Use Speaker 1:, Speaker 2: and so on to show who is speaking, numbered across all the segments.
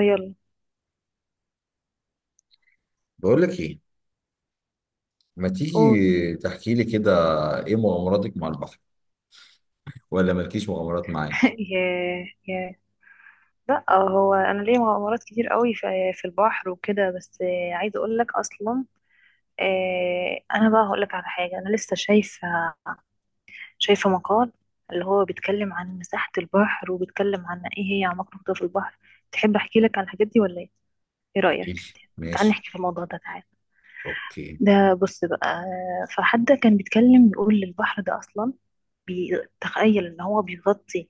Speaker 1: يلا،
Speaker 2: بقول لك ايه. ما
Speaker 1: قول.
Speaker 2: تيجي تحكي لي كده. ايه مغامراتك مع البحر؟ ولا مالكيش مغامرات معايا؟
Speaker 1: ياه ياه. لا هو انا ليا مغامرات كتير قوي في البحر وكده. بس عايزه اقول لك اصلا. انا بقى هقول لك على حاجه. انا لسه شايفه مقال اللي هو بيتكلم عن مساحه البحر، وبيتكلم عن ايه هي اعماق نقطه في البحر. تحب احكي لك عن الحاجات دي ولا ايه؟ ايه رايك؟
Speaker 2: ماشي
Speaker 1: تعال
Speaker 2: ماشي
Speaker 1: نحكي في الموضوع ده، تعال.
Speaker 2: اوكي.
Speaker 1: ده بص بقى. فحد كان بيتكلم بيقول البحر ده اصلا بيتخيل ان هو بيغطي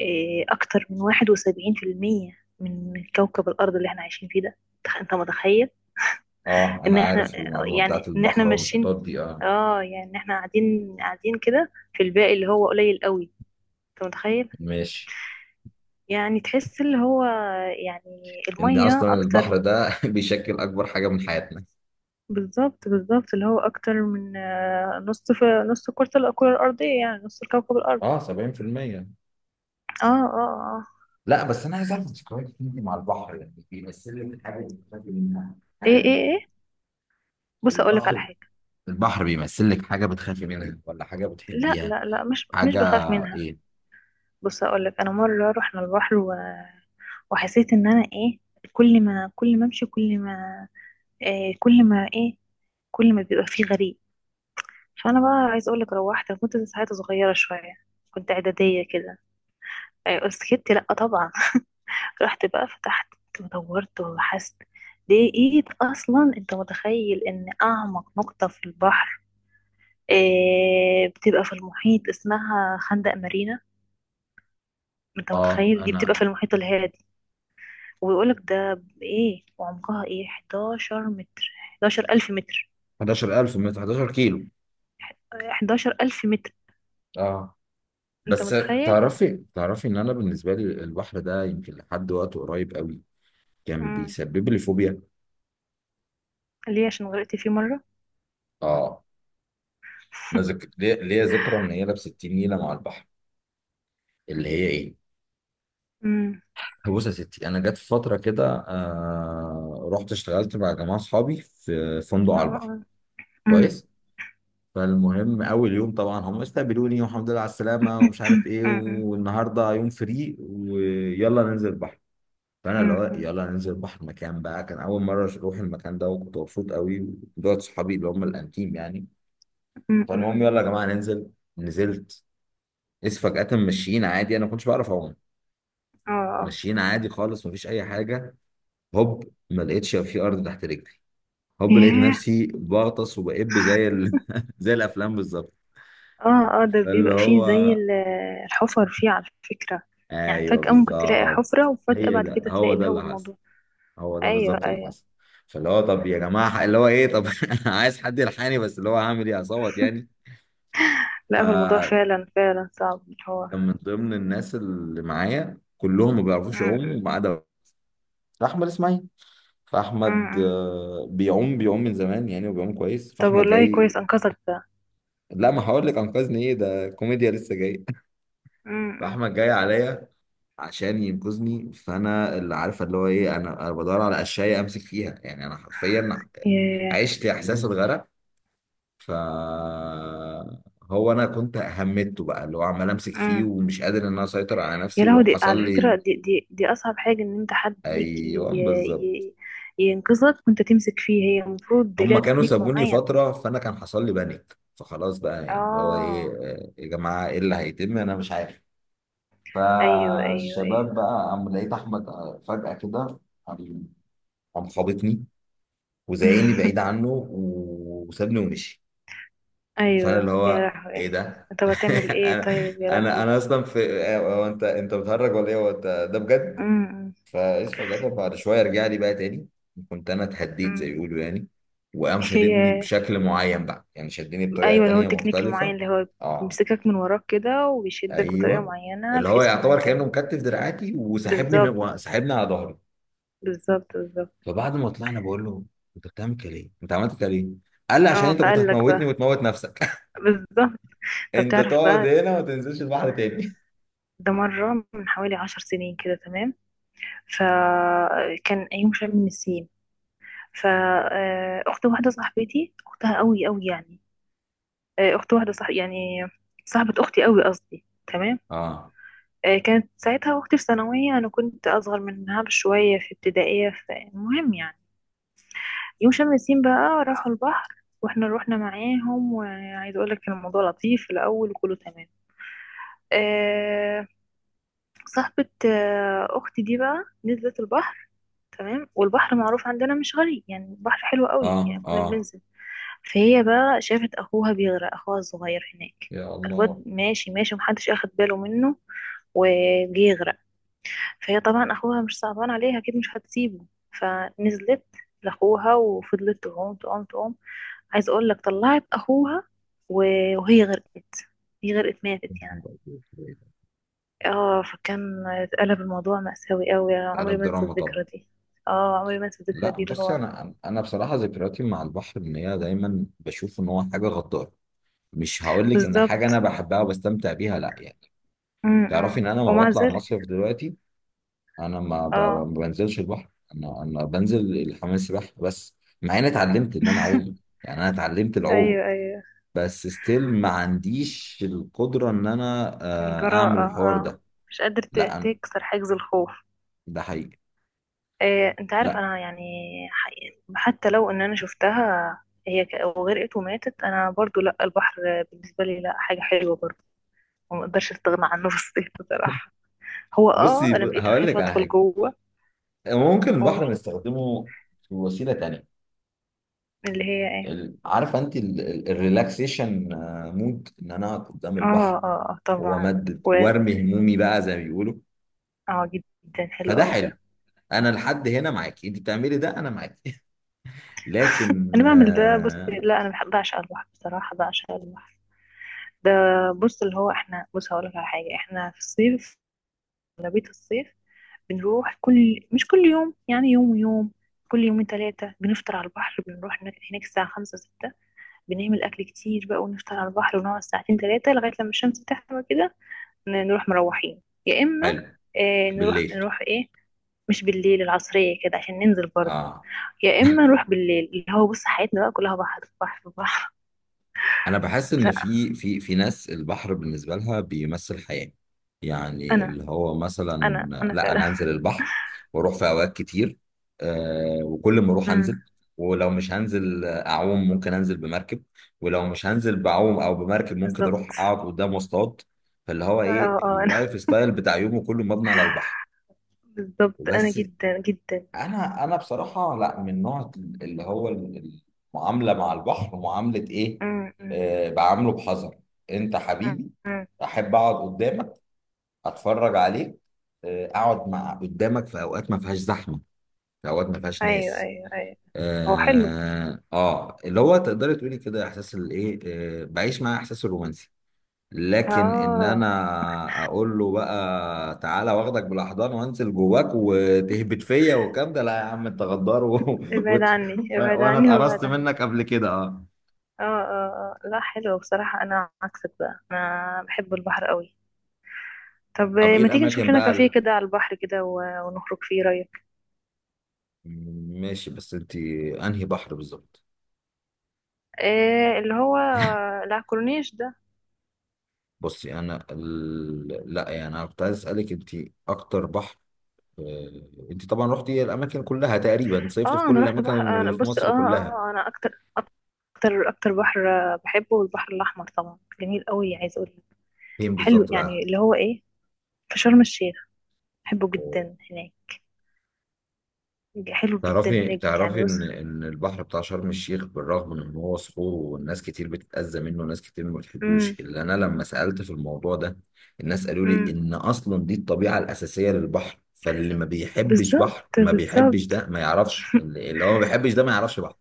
Speaker 1: اكتر من 71% من كوكب الارض اللي احنا عايشين فيه ده. انت متخيل
Speaker 2: اه، انا
Speaker 1: ان احنا،
Speaker 2: عارف المعلومه بتاعت
Speaker 1: يعني ان احنا
Speaker 2: البحر
Speaker 1: ماشيين؟
Speaker 2: والمحيطات دي، اه.
Speaker 1: اه، يعني ان احنا قاعدين قاعدين كده في الباقي اللي هو قليل قوي. انت متخيل؟
Speaker 2: ماشي.
Speaker 1: يعني تحس اللي هو، يعني
Speaker 2: ان
Speaker 1: المية
Speaker 2: اصلا
Speaker 1: اكتر.
Speaker 2: البحر ده بيشكل اكبر حاجه من حياتنا.
Speaker 1: بالظبط بالظبط، اللي هو اكتر من نص نص كرة الارضية، يعني نص كوكب الارض.
Speaker 2: اه، 70%.
Speaker 1: اه اه اه.
Speaker 2: لا، بس انا عايز اعرف ذكرياتك انت مع البحر، يعني بيمثل لك حاجه بتخافي منها؟
Speaker 1: ايه
Speaker 2: حاجه؟
Speaker 1: ايه ايه، بص اقولك على
Speaker 2: البحر
Speaker 1: حاجة.
Speaker 2: البحر بيمثل لك حاجه بتخافي منها، ولا حاجه
Speaker 1: لا
Speaker 2: بتحبيها؟
Speaker 1: لا لا، مش
Speaker 2: حاجه؟
Speaker 1: بخاف منها.
Speaker 2: ايه؟
Speaker 1: بص اقول لك، انا مره رحنا البحر وحسيت ان انا ايه، كل ما إيه، كل ما كل ما بيبقى فيه غريب. فانا بقى عايز اقول لك، روحت. أنا كنت ساعتها صغيره شويه، كنت اعداديه كده. إيه، سكت لا طبعا. رحت بقى فتحت ودورت وبحثت، لقيت اصلا. انت متخيل ان اعمق نقطه في البحر، إيه، بتبقى في المحيط، اسمها خندق مارينا؟ انت
Speaker 2: اه،
Speaker 1: متخيل؟ دي
Speaker 2: انا
Speaker 1: بتبقى في المحيط الهادي. وبيقولك ده ايه وعمقها ايه؟ 11 ألف متر.
Speaker 2: 11000، من 11 كيلو،
Speaker 1: 11 ألف متر.
Speaker 2: اه.
Speaker 1: انت
Speaker 2: بس.
Speaker 1: متخيل؟
Speaker 2: تعرفي ان انا بالنسبه لي البحر ده يمكن لحد وقت قريب قوي كان
Speaker 1: امم.
Speaker 2: بيسبب لي فوبيا.
Speaker 1: ليه؟ عشان غرقت فيه مرة.
Speaker 2: اه. ليا ذكرى ان هي لابسه 60 نيله مع البحر. اللي هي ايه؟
Speaker 1: امم.
Speaker 2: بص يا ستي، انا جت فتره كده، رحت اشتغلت مع جماعه اصحابي في فندق
Speaker 1: اه
Speaker 2: على البحر.
Speaker 1: اه. امم
Speaker 2: كويس. فالمهم، اول يوم طبعا هم استقبلوني والحمد لله على السلامه، ومش عارف ايه،
Speaker 1: امم.
Speaker 2: والنهارده يوم فري ويلا ننزل البحر. فانا اللي هو
Speaker 1: امم.
Speaker 2: يلا ننزل بحر، مكان بقى كان اول مره اروح المكان ده، وكنت مبسوط قوي. ودول صحابي اللي هم الانتيم يعني. فالمهم،
Speaker 1: امم.
Speaker 2: يلا يا جماعه ننزل. نزلت. اس فجاه، ماشيين عادي، انا ما كنتش بعرف اعوم.
Speaker 1: اه اه.
Speaker 2: ماشيين عادي خالص، مفيش اي حاجه. هوب، ما لقيتش في ارض تحت رجلي. هوب، لقيت
Speaker 1: ياه.
Speaker 2: نفسي بغطس وبقب زي زي الافلام بالظبط.
Speaker 1: اه اه، ده
Speaker 2: اللي
Speaker 1: بيبقى فيه
Speaker 2: هو
Speaker 1: الحفر فيه على فكرة. يعني
Speaker 2: ايوه
Speaker 1: فجأة ممكن تلاقي
Speaker 2: بالظبط.
Speaker 1: حفرة، وفجأة
Speaker 2: هي
Speaker 1: بعد
Speaker 2: ده
Speaker 1: كده
Speaker 2: هو
Speaker 1: تلاقي
Speaker 2: ده
Speaker 1: اللي هو
Speaker 2: اللي حصل.
Speaker 1: الموضوع.
Speaker 2: هو ده
Speaker 1: ايوه
Speaker 2: بالظبط اللي
Speaker 1: ايوه.
Speaker 2: حصل. فاللي هو طب يا جماعه اللي هو ايه، طب عايز حد يلحقني، بس اللي هو هعمل ايه، اصوت يعني؟
Speaker 1: لا هو الموضوع
Speaker 2: فكان
Speaker 1: فعلا فعلا صعب اللي هو.
Speaker 2: من ضمن الناس اللي معايا كلهم ما بيعرفوش يعوموا
Speaker 1: امم
Speaker 2: ما عدا احمد اسماعيل.
Speaker 1: امم.
Speaker 2: فاحمد
Speaker 1: امم.
Speaker 2: بيعوم بيعوم من زمان يعني، وبيعوم كويس.
Speaker 1: طب
Speaker 2: فاحمد
Speaker 1: والله
Speaker 2: جاي.
Speaker 1: كويس انقذك ده.
Speaker 2: لا، ما هقول لك انقذني. ايه ده، كوميديا لسه جاي.
Speaker 1: امم.
Speaker 2: فاحمد جاي عليا عشان ينقذني. فانا اللي عارفه اللي هو ايه، انا بدور على اشياء امسك فيها، يعني انا حرفيا
Speaker 1: ياه.
Speaker 2: عشت احساس الغرق. ف، هو انا كنت همدته بقى، اللي هو عمال امسك فيه،
Speaker 1: امم.
Speaker 2: ومش قادر ان انا اسيطر على نفسي،
Speaker 1: يا لهوي، دي على
Speaker 2: وحصل لي.
Speaker 1: فكرة دي أصعب حاجة، إن أنت حد يجي
Speaker 2: ايوه بالظبط.
Speaker 1: ينقذك وأنت تمسك فيه. هي المفروض دي
Speaker 2: هما
Speaker 1: ليها
Speaker 2: كانوا
Speaker 1: تكنيك
Speaker 2: سابوني
Speaker 1: معين.
Speaker 2: فتره، فانا كان حصل لي بانيك، فخلاص بقى، يعني اللي هو ايه،
Speaker 1: اه.
Speaker 2: يا جماعه ايه اللي هيتم، انا مش عارف.
Speaker 1: أيوه أيوه
Speaker 2: فالشباب
Speaker 1: أيوه.
Speaker 2: بقى قام، لقيت احمد، فجاه كده. قام. قام خابطني وزعقني بعيد عنه، وسابني ومشي. فانا
Speaker 1: أيوه
Speaker 2: اللي
Speaker 1: يا
Speaker 2: هو
Speaker 1: لهوي.
Speaker 2: ايه ده.
Speaker 1: طب هتعمل إيه
Speaker 2: انا
Speaker 1: طيب؟ يا
Speaker 2: انا
Speaker 1: لهوي.
Speaker 2: انا اصلا في... هو انت انت بتهرج ولا ايه؟ هو انت، ده بجد.
Speaker 1: أمم.
Speaker 2: فاسف جدع، بعد شويه رجع لي بقى تاني. كنت انا اتهديت زي
Speaker 1: امم.
Speaker 2: ما بيقولوا يعني. وقام شددني
Speaker 1: ياه.
Speaker 2: بشكل معين بقى، يعني شدني بطريقه
Speaker 1: أيوه، اللي هو
Speaker 2: تانيه
Speaker 1: التكنيك المعين
Speaker 2: مختلفه.
Speaker 1: اللي هو
Speaker 2: اه.
Speaker 1: بيمسكك من وراك كده وبيشدك بطريقة
Speaker 2: ايوه.
Speaker 1: معينة،
Speaker 2: اللي هو
Speaker 1: بحيث إن
Speaker 2: يعتبر كانه
Speaker 1: أنت.
Speaker 2: مكتف دراعاتي، وسحبني من،
Speaker 1: بالظبط
Speaker 2: وسحبني على ظهري.
Speaker 1: بالظبط بالظبط.
Speaker 2: فبعد ما طلعنا بقول له: انت بتعمل كده ليه؟ انت عملت كده ليه؟ قال لي: عشان
Speaker 1: اه،
Speaker 2: انت كنت
Speaker 1: فقال لك بقى.
Speaker 2: هتموتني وتموت نفسك.
Speaker 1: بالظبط. طب
Speaker 2: انت
Speaker 1: تعرف
Speaker 2: تقعد
Speaker 1: بقى،
Speaker 2: هنا وما تنزلش البحر تاني.
Speaker 1: ده مرة من حوالي 10 سنين كده، تمام؟ فكان أيوم شم من النسيم. فأخت واحدة صاحبتي، أختها قوي قوي يعني، أخت واحدة صاحب، يعني صاحبة أختي قوي قصدي، تمام.
Speaker 2: اه،
Speaker 1: كانت ساعتها أختي في ثانوية، أنا كنت أصغر منها بشوية في ابتدائية. فالمهم يعني، يوم شم النسيم بقى راحوا البحر واحنا روحنا معاهم. وعايز اقول لك كان الموضوع لطيف في الاول وكله تمام. أه. صاحبة اختي دي بقى نزلت البحر، تمام. والبحر معروف عندنا مش غالي، يعني البحر حلو قوي،
Speaker 2: اه،
Speaker 1: يعني كنا
Speaker 2: اه.
Speaker 1: بننزل. فهي بقى شافت اخوها بيغرق، اخوها الصغير هناك.
Speaker 2: يا
Speaker 1: الواد
Speaker 2: الله.
Speaker 1: ماشي ماشي ومحدش اخد باله منه، وجه يغرق. فهي طبعا اخوها مش صعبان عليها، اكيد مش هتسيبه. فنزلت لاخوها وفضلت تعوم تعوم تعوم. عايز اقول لك، طلعت اخوها وهي غرقت. هي غرقت، ماتت يعني. اه، فكان اتقلب الموضوع مأساوي قوي، عمري
Speaker 2: قلب
Speaker 1: ما انسى
Speaker 2: دراما طبعا.
Speaker 1: الذكرى دي. اه عمري ما انسى الذكرى
Speaker 2: لا
Speaker 1: دي، اللي
Speaker 2: بص،
Speaker 1: هو.
Speaker 2: انا بصراحه ذكرياتي مع البحر ان هي دايما بشوف ان هو حاجه غداره. مش هقول لك ان حاجه انا
Speaker 1: بالظبط.
Speaker 2: بحبها وبستمتع بيها، لا يعني.
Speaker 1: امم.
Speaker 2: تعرفي
Speaker 1: أمم.
Speaker 2: ان انا ما
Speaker 1: ومع
Speaker 2: بطلع
Speaker 1: ذلك.
Speaker 2: مصيف دلوقتي. انا ما
Speaker 1: اه.
Speaker 2: بنزلش البحر. انا بنزل الحمام السباحه بس. مع اني اتعلمت ان انا اعوم، يعني انا اتعلمت العوم.
Speaker 1: ايوه ايوه.
Speaker 2: بس ستيل ما عنديش القدره ان انا، اعمل
Speaker 1: جراءة،
Speaker 2: الحوار
Speaker 1: اه.
Speaker 2: ده.
Speaker 1: مش قادر
Speaker 2: لا أنا-
Speaker 1: تكسر حاجز الخوف.
Speaker 2: ده حقيقي.
Speaker 1: انت عارف انا يعني. حقيقي، حتى لو ان انا شفتها هي وغرقت وماتت، انا برضو لا، البحر بالنسبه لي لا، حاجه حلوه برضو وما اقدرش استغنى عنه. في الصيف بصراحه، هو اه انا بقيت
Speaker 2: هقول
Speaker 1: اخاف
Speaker 2: لك على
Speaker 1: ادخل
Speaker 2: حاجه.
Speaker 1: جوه.
Speaker 2: ممكن البحر
Speaker 1: أوي.
Speaker 2: بنستخدمه في وسيله تانية.
Speaker 1: اللي هي ايه؟
Speaker 2: عارفه انت الريلاكسيشن مود ان انا اقعد قدام
Speaker 1: اه
Speaker 2: البحر،
Speaker 1: اه. طبعا.
Speaker 2: وامدد
Speaker 1: و
Speaker 2: وارمي همومي بقى زي ما بيقولوا.
Speaker 1: اه، جدا حلو
Speaker 2: فده
Speaker 1: قوي
Speaker 2: حلو.
Speaker 1: ده.
Speaker 2: انا لحد هنا معاكي، انت بتعملي ده انا معاكي. لكن
Speaker 1: انا بعمل ده. بص، لا انا بحب بعشق البحر بصراحه، بعشق البحر ده. بص اللي هو احنا، بص هقول لك على حاجه. احنا في الصيف، اغلبيه الصيف، بنروح كل، مش كل يوم يعني، يوم ويوم، كل يومين ثلاثه بنفطر على البحر. بنروح هناك الساعه 5 6. بنعمل اكل كتير بقى ونفطر على البحر، ونقعد ساعتين ثلاثه لغايه لما الشمس تحمى كده، نروح مروحين. يا اما
Speaker 2: حلو.
Speaker 1: اه، نروح
Speaker 2: بالليل.
Speaker 1: نروح ايه. مش بالليل، العصريه كده عشان ننزل برضه.
Speaker 2: اه.
Speaker 1: يا اما نروح بالليل. اللي هو بص حياتنا بقى كلها بحر بحر بحر.
Speaker 2: انا بحس ان
Speaker 1: لا
Speaker 2: في ناس البحر بالنسبه لها بيمثل حياه. يعني
Speaker 1: انا،
Speaker 2: اللي هو مثلا.
Speaker 1: انا
Speaker 2: لا،
Speaker 1: فعلا.
Speaker 2: انا انزل البحر واروح في اوقات كتير. آه، وكل ما اروح
Speaker 1: امم.
Speaker 2: انزل. ولو مش هنزل اعوم ممكن انزل بمركب. ولو مش هنزل بعوم او بمركب ممكن
Speaker 1: بالظبط.
Speaker 2: اروح اقعد قدام واصطاد. فاللي هو
Speaker 1: اه
Speaker 2: ايه،
Speaker 1: اه انا.
Speaker 2: اللايف ستايل بتاع يومه كله مبني على البحر.
Speaker 1: بالظبط، انا
Speaker 2: بس
Speaker 1: جدا جدا.
Speaker 2: انا بصراحه، لا، من نوع اللي هو المعامله مع البحر معامله ايه،
Speaker 1: امم امم
Speaker 2: آه، بعامله بحذر. انت حبيبي،
Speaker 1: امم.
Speaker 2: احب اقعد قدامك، اتفرج عليك، آه، اقعد مع قدامك في اوقات ما فيهاش زحمه، في اوقات ما فيهاش
Speaker 1: ايوه
Speaker 2: ناس.
Speaker 1: ايوه ايوه. هو حلو.
Speaker 2: اللي هو تقدري تقولي كده احساس الايه، آه، بعيش مع احساس الرومانسي. لكن ان
Speaker 1: اه.
Speaker 2: انا اقول له بقى تعالى واخدك بالاحضان وانزل جواك وتهبط فيا والكلام ده، لا يا عم انت غدار و...
Speaker 1: ابعد
Speaker 2: وت...
Speaker 1: عني ابعد
Speaker 2: وانا
Speaker 1: عني
Speaker 2: اتقرصت
Speaker 1: وابعد عني.
Speaker 2: منك قبل كده، اه.
Speaker 1: اه اه اه. لا حلو بصراحة، انا عكسك بقى، انا بحب البحر قوي. طب
Speaker 2: طب ايه
Speaker 1: ما تيجي نشوف
Speaker 2: الاماكن
Speaker 1: لنا كافيه
Speaker 2: بقى؟
Speaker 1: كده على البحر كده ونخرج، فيه رأيك؟
Speaker 2: ماشي، بس انت، انهي بحر بالظبط؟
Speaker 1: إيه اللي هو العكورنيش ده.
Speaker 2: لا يعني، انا كنت عايز اسالك انت، اكتر بحر، انت طبعا رحتي الاماكن كلها تقريبا، صيفت في
Speaker 1: اه، انا
Speaker 2: كل
Speaker 1: رحت بحر،
Speaker 2: الاماكن
Speaker 1: انا
Speaker 2: اللي في
Speaker 1: بص اه
Speaker 2: مصر
Speaker 1: اه،
Speaker 2: كلها.
Speaker 1: انا اكتر اكتر اكتر بحر بحبه البحر الاحمر طبعا، جميل قوي. عايز اقول لك
Speaker 2: فين
Speaker 1: حلو،
Speaker 2: بالظبط
Speaker 1: يعني
Speaker 2: بقى؟
Speaker 1: اللي هو ايه، في شرم الشيخ، بحبه جدا هناك، حلو جدا
Speaker 2: تعرفي
Speaker 1: هناك، يعني
Speaker 2: تعرفي
Speaker 1: بص.
Speaker 2: ان البحر بتاع شرم الشيخ، بالرغم من ان هو صخور والناس كتير بتتأذى منه وناس كتير ما
Speaker 1: امم
Speaker 2: بتحبوش، الا انا لما سألت في الموضوع ده، الناس قالوا لي
Speaker 1: امم.
Speaker 2: ان اصلا دي الطبيعة الأساسية للبحر، فاللي ما بيحبش
Speaker 1: بالظبط.
Speaker 2: بحر ما بيحبش
Speaker 1: بالظبط.
Speaker 2: ده ما يعرفش، اللي هو ما بيحبش ده ما يعرفش بحر.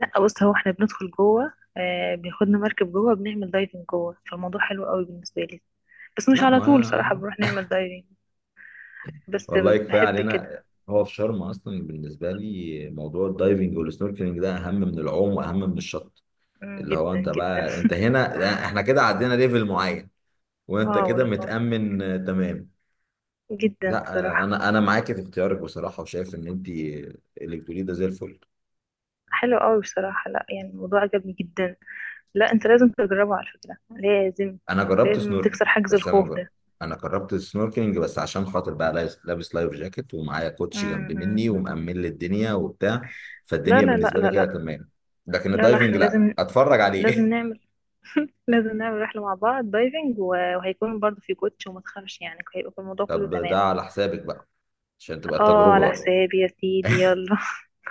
Speaker 1: لا بص، هو احنا بندخل جوه، آه بياخدنا مركب جوه، بنعمل دايفنج جوه. فالموضوع حلو قوي بالنسبه لي. بس مش
Speaker 2: لا،
Speaker 1: على طول صراحه
Speaker 2: ما
Speaker 1: بنروح نعمل دايفنج، بس
Speaker 2: والله كفاية
Speaker 1: بحب كده.
Speaker 2: علينا. هو في شرم، اصلا بالنسبة لي موضوع الدايفنج والسنوركلينج ده اهم من العوم واهم من الشط.
Speaker 1: مم،
Speaker 2: اللي هو
Speaker 1: جدا
Speaker 2: انت
Speaker 1: جدا.
Speaker 2: بقى انت هنا، احنا كده عدينا ليفل معين. وانت
Speaker 1: اه
Speaker 2: كده
Speaker 1: والله.
Speaker 2: متأمن، تمام.
Speaker 1: جدا
Speaker 2: لا.
Speaker 1: صراحه.
Speaker 2: انا معاك في اختيارك بصراحة، وشايف ان انت الكتروني ده زي الفل.
Speaker 1: حلو قوي بصراحة. لا يعني الموضوع عجبني جدا. لا انت لازم تجربه على فكرة، لازم.
Speaker 2: انا جربت
Speaker 1: لازم
Speaker 2: سنوركل.
Speaker 1: تكسر حاجز
Speaker 2: بس انا ما
Speaker 1: الخوف
Speaker 2: جربت.
Speaker 1: ده.
Speaker 2: انا جربت السنوركلينج بس عشان خاطر بقى لابس لايف جاكيت، ومعايا كوتش
Speaker 1: مم،
Speaker 2: جنب
Speaker 1: مم،
Speaker 2: مني
Speaker 1: مم.
Speaker 2: ومأمن لي الدنيا وبتاع.
Speaker 1: لا
Speaker 2: فالدنيا
Speaker 1: لا لا
Speaker 2: بالنسبة لي
Speaker 1: لا
Speaker 2: كده
Speaker 1: لا.
Speaker 2: تمام. لكن
Speaker 1: لا لا،
Speaker 2: الدايفنج
Speaker 1: احنا
Speaker 2: لا،
Speaker 1: لازم،
Speaker 2: اتفرج
Speaker 1: لازم
Speaker 2: عليه.
Speaker 1: نعمل. لازم نعمل رحلة مع بعض دايفنج وهيكون برضو في كوتش وما تخافش، يعني هيبقى الموضوع كله
Speaker 2: طب
Speaker 1: تمام.
Speaker 2: ده على حسابك بقى، عشان تبقى
Speaker 1: اه،
Speaker 2: التجربة
Speaker 1: على
Speaker 2: بقى.
Speaker 1: حسابي يا سيدي، يلا.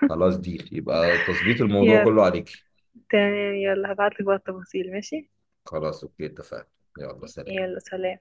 Speaker 2: خلاص، دي يبقى تظبيط الموضوع
Speaker 1: يلا.
Speaker 2: كله عليك.
Speaker 1: تمام، يلا هبعتلك بقى التفاصيل، ماشي؟
Speaker 2: خلاص، اوكي، اتفقنا. يلا، سلام.
Speaker 1: يلا سلام.